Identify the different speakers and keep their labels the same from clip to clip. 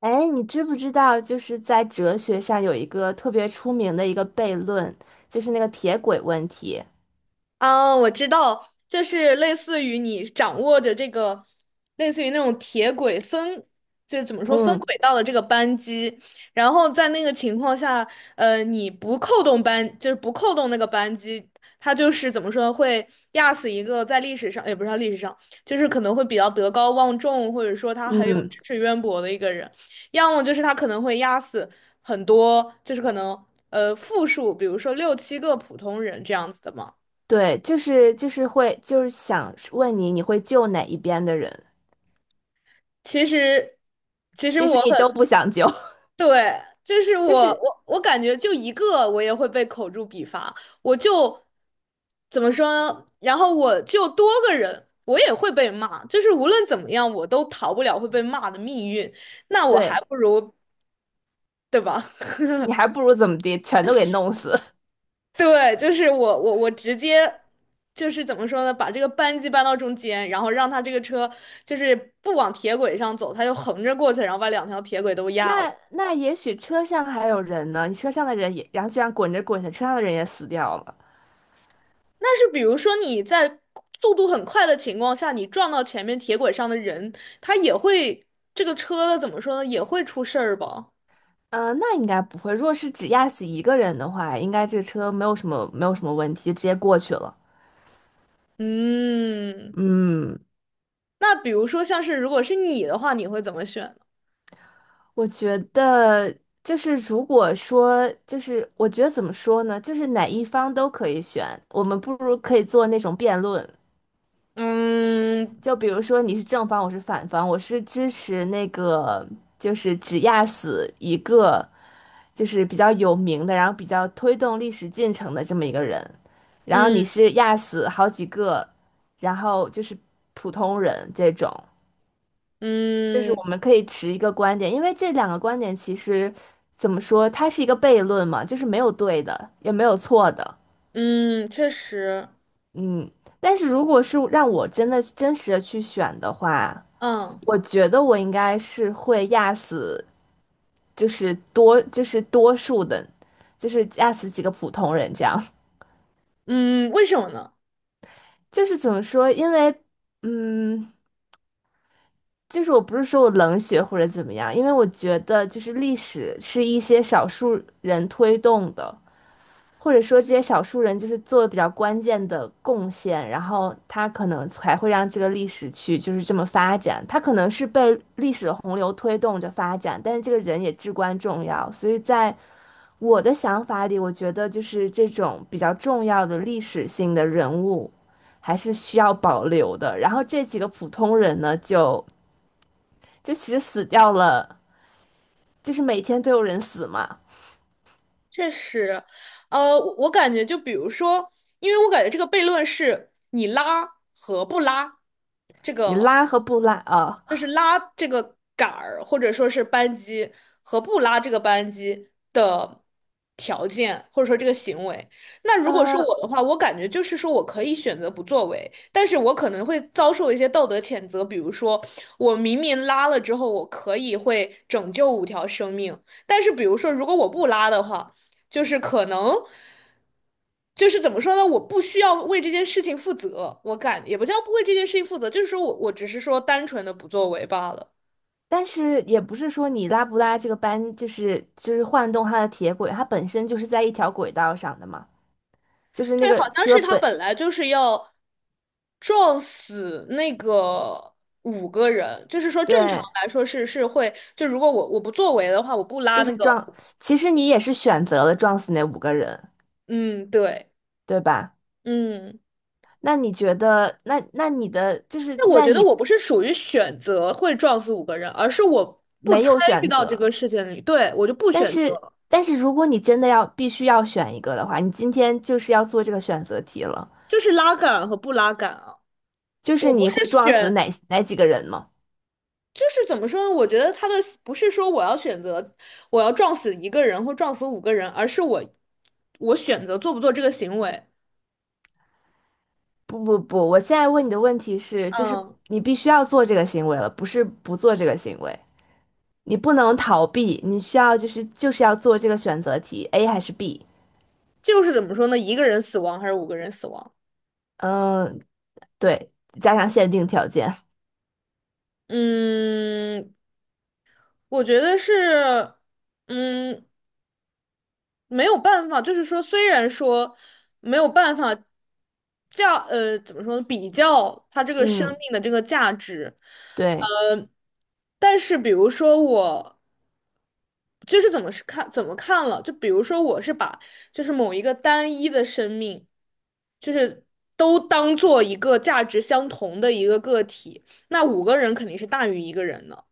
Speaker 1: 哎，你知不知道，就是在哲学上有一个特别出名的一个悖论，就是那个铁轨问题。
Speaker 2: 啊，我知道，就是类似于你掌握着这个，类似于那种铁轨分，就怎么说分
Speaker 1: 嗯
Speaker 2: 轨道的这个扳机，然后在那个情况下，你不扣动扳，就是不扣动那个扳机，他就是怎么说会压死一个在历史上，也不是历史上，就是可能会比较德高望重，或者说他很有
Speaker 1: 嗯，
Speaker 2: 知识渊博的一个人，要么就是他可能会压死很多，就是可能复数，比如说六七个普通人这样子的嘛。
Speaker 1: 对，就是想问你，你会救哪一边的人？
Speaker 2: 其实，其实
Speaker 1: 其实
Speaker 2: 我
Speaker 1: 你都
Speaker 2: 很，
Speaker 1: 不想救，
Speaker 2: 对，就是
Speaker 1: 就
Speaker 2: 我
Speaker 1: 是
Speaker 2: 我我感觉就一个我也会被口诛笔伐，我就怎么说呢？然后我就多个人，我也会被骂，就是无论怎么样，我都逃不了会被骂的命运，那我还
Speaker 1: 对
Speaker 2: 不如，对吧？
Speaker 1: 你还不如怎么地，全都给弄死。
Speaker 2: 对，就是我直接。就是怎么说呢，把这个扳机扳到中间，然后让他这个车就是不往铁轨上走，他就横着过去，然后把两条铁轨都压了。
Speaker 1: 那那也许车上还有人呢，你车上的人也，然后这样滚着滚着，车上的人也死掉了。
Speaker 2: 但是比如说你在速度很快的情况下，你撞到前面铁轨上的人，他也会这个车怎么说呢？也会出事儿吧？
Speaker 1: 嗯、那应该不会。如果是只压死一个人的话，应该这个车没有什么问题，就直接过去了。
Speaker 2: 嗯，
Speaker 1: 嗯，
Speaker 2: 那比如说像是如果是你的话，你会怎么选呢？
Speaker 1: 我觉得就是如果说我觉得怎么说呢，就是哪一方都可以选，我们不如可以做那种辩论，
Speaker 2: 嗯
Speaker 1: 就比如说你是正方，我是反方，我是支持那个就是只压死一个就是比较有名的，然后比较推动历史进程的这么一个人，然后你
Speaker 2: 嗯
Speaker 1: 是压死好几个，然后就是普通人这种。就是我
Speaker 2: 嗯
Speaker 1: 们可以持一个观点，因为这两个观点其实怎么说，它是一个悖论嘛，就是没有对的，也没有错的，
Speaker 2: 嗯，确实，
Speaker 1: 嗯。但是如果是让我真的真实的去选的话，
Speaker 2: 嗯
Speaker 1: 我觉得我应该是会压死，就是多数的，就是压死几个普通人这样。
Speaker 2: 嗯，为什么呢？
Speaker 1: 就是怎么说，因为嗯，就是我不是说我冷血或者怎么样，因为我觉得就是历史是一些少数人推动的。或者说这些少数人就是做的比较关键的贡献，然后他可能才会让这个历史去就是这么发展。他可能是被历史的洪流推动着发展，但是这个人也至关重要。所以在我的想法里，我觉得就是这种比较重要的历史性的人物还是需要保留的。然后这几个普通人呢，就其实死掉了，就是每天都有人死嘛。
Speaker 2: 确实，呃，我感觉就比如说，因为我感觉这个悖论是你拉和不拉这
Speaker 1: 你
Speaker 2: 个
Speaker 1: 拉和不拉啊？
Speaker 2: 就是拉这个杆儿，或者说是扳机和不拉这个扳机的条件，或者说这个行为。那如果是
Speaker 1: 呃，
Speaker 2: 我的话，我感觉就是说我可以选择不作为，但是我可能会遭受一些道德谴责，比如说我明明拉了之后，我可以会拯救五条生命，但是比如说如果我不拉的话。就是可能，就是怎么说呢？我不需要为这件事情负责，我感也不叫不为这件事情负责，就是说我只是说单纯的不作为罢了。
Speaker 1: 但是也不是说你拉不拉这个班，就是晃动它的铁轨，它本身就是在一条轨道上的嘛，就是那
Speaker 2: 对，好
Speaker 1: 个
Speaker 2: 像
Speaker 1: 车
Speaker 2: 是他
Speaker 1: 本，
Speaker 2: 本来就是要撞死那个五个人，就是说正常
Speaker 1: 对，
Speaker 2: 来说是会，就如果我不作为的话，我不拉
Speaker 1: 就是
Speaker 2: 那个，
Speaker 1: 撞，其实你也是选择了撞死那五个人，
Speaker 2: 嗯，对。
Speaker 1: 对吧？
Speaker 2: 嗯，
Speaker 1: 那你觉得，那那你的就是
Speaker 2: 那我
Speaker 1: 在
Speaker 2: 觉得
Speaker 1: 你
Speaker 2: 我不是属于选择会撞死五个人，而是我不
Speaker 1: 没
Speaker 2: 参
Speaker 1: 有
Speaker 2: 与
Speaker 1: 选
Speaker 2: 到这个
Speaker 1: 择，
Speaker 2: 事件里，对，我就不
Speaker 1: 但
Speaker 2: 选
Speaker 1: 是
Speaker 2: 择。
Speaker 1: 如果你真的要必须要选一个的话，你今天就是要做这个选择题了，
Speaker 2: 就是拉杆和不拉杆啊。
Speaker 1: 就是
Speaker 2: 我不
Speaker 1: 你
Speaker 2: 是
Speaker 1: 会撞死
Speaker 2: 选，
Speaker 1: 哪几个人吗？
Speaker 2: 就是怎么说呢？我觉得他的不是说我要选择我要撞死一个人或撞死五个人，而是我选择做不做这个行为。
Speaker 1: 不不不，我现在问你的问题是，就是
Speaker 2: 嗯，
Speaker 1: 你必须要做这个行为了，不是不做这个行为，你不能逃避，你需要就是要做这个选择题，A 还是 B？
Speaker 2: 就是怎么说呢？一个人死亡还是五个人死亡？
Speaker 1: 嗯，对，加上限定条件，
Speaker 2: 嗯，我觉得是，嗯，没有办法，就是说，虽然说没有办法怎么说呢比较它这个生
Speaker 1: 嗯，
Speaker 2: 命的这个价值，
Speaker 1: 对，
Speaker 2: 呃，但是比如说我就是怎么是看怎么看了，就比如说我是把就是某一个单一的生命，就是都当做一个价值相同的一个个体，那五个人肯定是大于一个人的。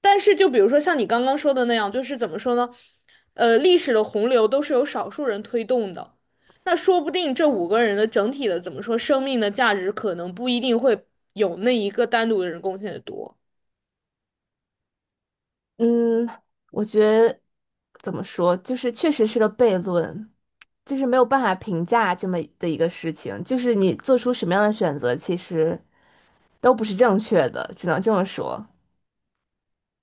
Speaker 2: 但是就比如说像你刚刚说的那样，就是怎么说呢？历史的洪流都是由少数人推动的，那说不定这五个人的整体的怎么说，生命的价值可能不一定会有那一个单独的人贡献的多。
Speaker 1: 嗯，我觉得怎么说，就是确实是个悖论，就是没有办法评价这么的一个事情，就是你做出什么样的选择，其实都不是正确的，只能这么说，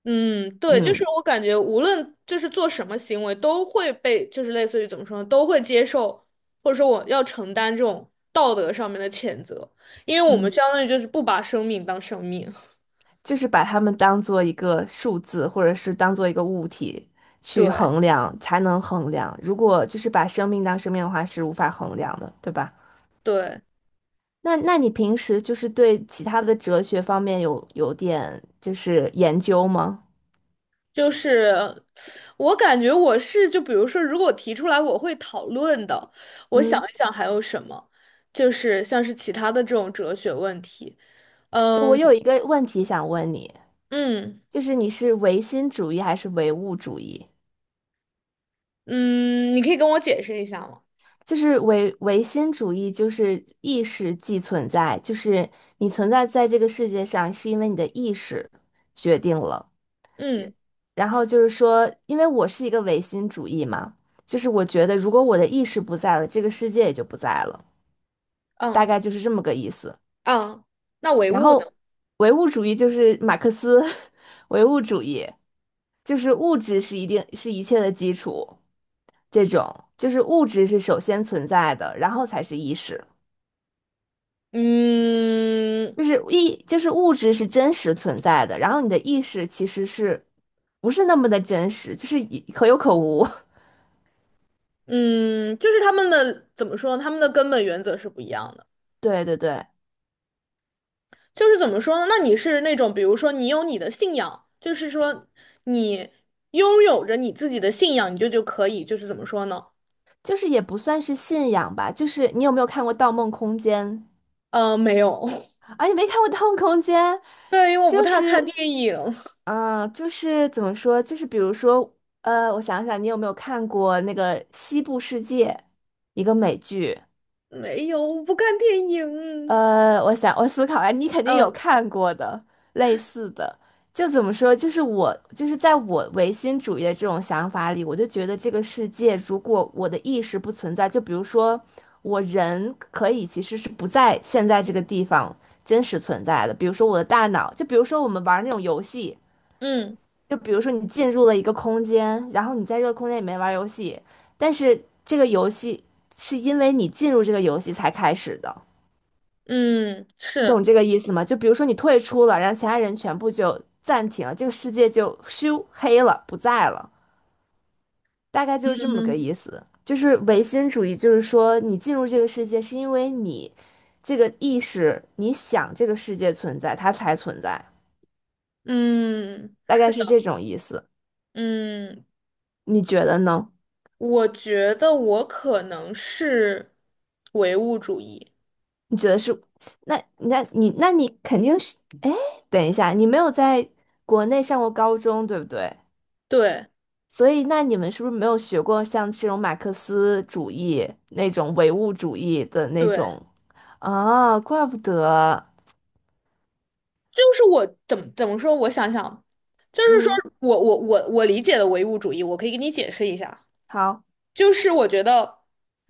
Speaker 2: 嗯，对，就是
Speaker 1: 嗯。
Speaker 2: 我感觉，无论就是做什么行为，都会被就是类似于怎么说呢，都会接受，或者说我要承担这种道德上面的谴责，因为我们
Speaker 1: 嗯。
Speaker 2: 相当于就是不把生命当生命。
Speaker 1: 就是把它们当做一个数字，或者是当做一个物体 去
Speaker 2: 对
Speaker 1: 衡量，才能衡量。如果就是把生命当生命的话，是无法衡量的，对吧？
Speaker 2: 对。
Speaker 1: 那那你平时就是对其他的哲学方面有点就是研究吗？
Speaker 2: 就是我感觉我是就比如说，如果我提出来，我会讨论的。我想
Speaker 1: 嗯，
Speaker 2: 一想还有什么，就是像是其他的这种哲学问题。
Speaker 1: 就我
Speaker 2: 嗯
Speaker 1: 有一个问题想问你，
Speaker 2: 嗯
Speaker 1: 就是你是唯心主义还是唯物主义？
Speaker 2: 嗯，你可以跟我解释一下吗？
Speaker 1: 就是唯心主义，就是意识即存在，就是你存在在这个世界上，是因为你的意识决定了。
Speaker 2: 嗯
Speaker 1: 然后就是说，因为我是一个唯心主义嘛，就是我觉得如果我的意识不在了，这个世界也就不在了，大
Speaker 2: 嗯
Speaker 1: 概就是这么个意思。
Speaker 2: 嗯，那唯
Speaker 1: 然
Speaker 2: 物呢？
Speaker 1: 后唯物主义就是马克思 唯物主义，就是物质一定是一切的基础，这种就是物质是首先存在的，然后才是意识，
Speaker 2: 嗯
Speaker 1: 就是意就是物质是真实存在的，然后你的意识其实是不是那么的真实，就是以可有可无。
Speaker 2: 嗯，就是他们的怎么说呢？他们的根本原则是不一样的。
Speaker 1: 对对对，
Speaker 2: 就是怎么说呢？那你是那种，比如说你有你的信仰，就是说你拥有着你自己的信仰，你就可以，就是怎么说呢？
Speaker 1: 就是也不算是信仰吧，就是你有没有看过《盗梦空间》
Speaker 2: 没有，
Speaker 1: 啊？你没看过《<laughs> 盗梦空间》，
Speaker 2: 对，因为我不
Speaker 1: 就
Speaker 2: 太看
Speaker 1: 是
Speaker 2: 电影，
Speaker 1: 啊、就是怎么说，就是比如说，我想想，你有没有看过那个《西部世界》一个美剧？
Speaker 2: 没有，我不看电影。
Speaker 1: 我想我思考啊，你肯定有
Speaker 2: 嗯
Speaker 1: 看过的类似的，就怎么说，就是在我唯心主义的这种想法里，我就觉得这个世界如果我的意识不存在，就比如说我人可以其实是不在现在这个地方真实存在的，比如说我的大脑，就比如说我们玩那种游戏，
Speaker 2: 嗯
Speaker 1: 就比如说你进入了一个空间，然后你在这个空间里面玩游戏，但是这个游戏是因为你进入这个游戏才开始的。
Speaker 2: 嗯，
Speaker 1: 你懂
Speaker 2: 是，
Speaker 1: 这个意思吗？就比如说你退出了，然后其他人全部就暂停了，这个世界就咻黑了，不在了，大概就是这么个
Speaker 2: 嗯
Speaker 1: 意思。就是唯心主义，就是说你进入这个世界是因为你这个意识，你想这个世界存在，它才存在，
Speaker 2: 嗯
Speaker 1: 大概是这种意思。
Speaker 2: 嗯，
Speaker 1: 你觉得呢？
Speaker 2: 我觉得我可能是唯物主义。
Speaker 1: 你觉得是？那你肯定是，哎，等一下，你没有在国内上过高中，对不对？
Speaker 2: 对
Speaker 1: 所以，那你们是不是没有学过像这种马克思主义那种唯物主义的那
Speaker 2: 对，
Speaker 1: 种？啊，怪不得，
Speaker 2: 就是我怎么说？我想想，就是说
Speaker 1: 嗯，
Speaker 2: 我理解的唯物主义，我可以给你解释一下，
Speaker 1: 好，
Speaker 2: 就是我觉得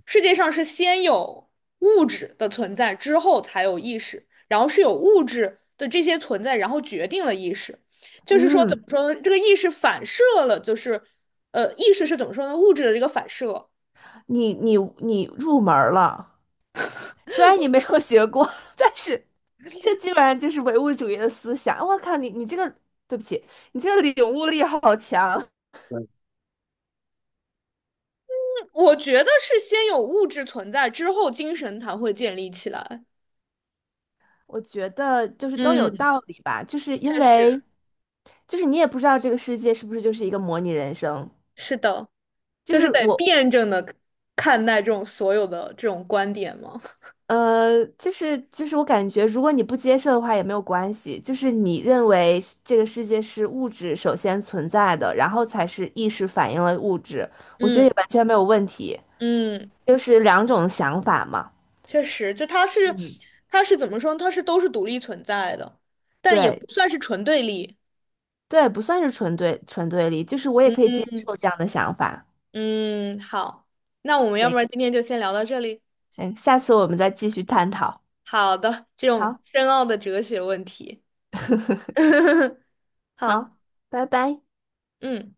Speaker 2: 世界上是先有物质的存在，之后才有意识，然后是有物质的这些存在，然后决定了意识。就是说怎么
Speaker 1: 嗯，
Speaker 2: 说呢？这个意识反射了，就是意识是怎么说呢？物质的这个反射，
Speaker 1: 你入门儿了，虽然你没有学过，但是这基本上就是唯物主义的思想。我靠，你这个，对不起，你这个领悟力好强。
Speaker 2: 我觉得是先有物质存在，之后精神才会建立起来。
Speaker 1: 我觉得就是都
Speaker 2: 嗯，
Speaker 1: 有道理吧，就是因
Speaker 2: 确
Speaker 1: 为
Speaker 2: 实，
Speaker 1: 就是你也不知道这个世界是不是就是一个模拟人生，
Speaker 2: 是的。
Speaker 1: 就
Speaker 2: 就是
Speaker 1: 是
Speaker 2: 得
Speaker 1: 我
Speaker 2: 辩证的看待这种所有的这种观点吗？
Speaker 1: 就是，我感觉如果你不接受的话也没有关系，就是你认为是这个世界是物质首先存在的，然后才是意识反映了物质，我觉
Speaker 2: 嗯
Speaker 1: 得也完全没有问题，
Speaker 2: 嗯，
Speaker 1: 就是两种想法嘛。
Speaker 2: 确实，就它是
Speaker 1: 嗯，
Speaker 2: 它是怎么说呢？它是都是独立存在的，但也
Speaker 1: 对
Speaker 2: 不算是纯对立。
Speaker 1: 对，不算是纯对立，就是我也可以
Speaker 2: 嗯
Speaker 1: 接受这样的想法。
Speaker 2: 嗯，好，那我们要不
Speaker 1: 行
Speaker 2: 然今天就先聊到这里。
Speaker 1: 行，下次我们再继续探讨。
Speaker 2: 好的，这种
Speaker 1: 好，
Speaker 2: 深奥的哲学问题。好，
Speaker 1: 好，拜拜。
Speaker 2: 嗯。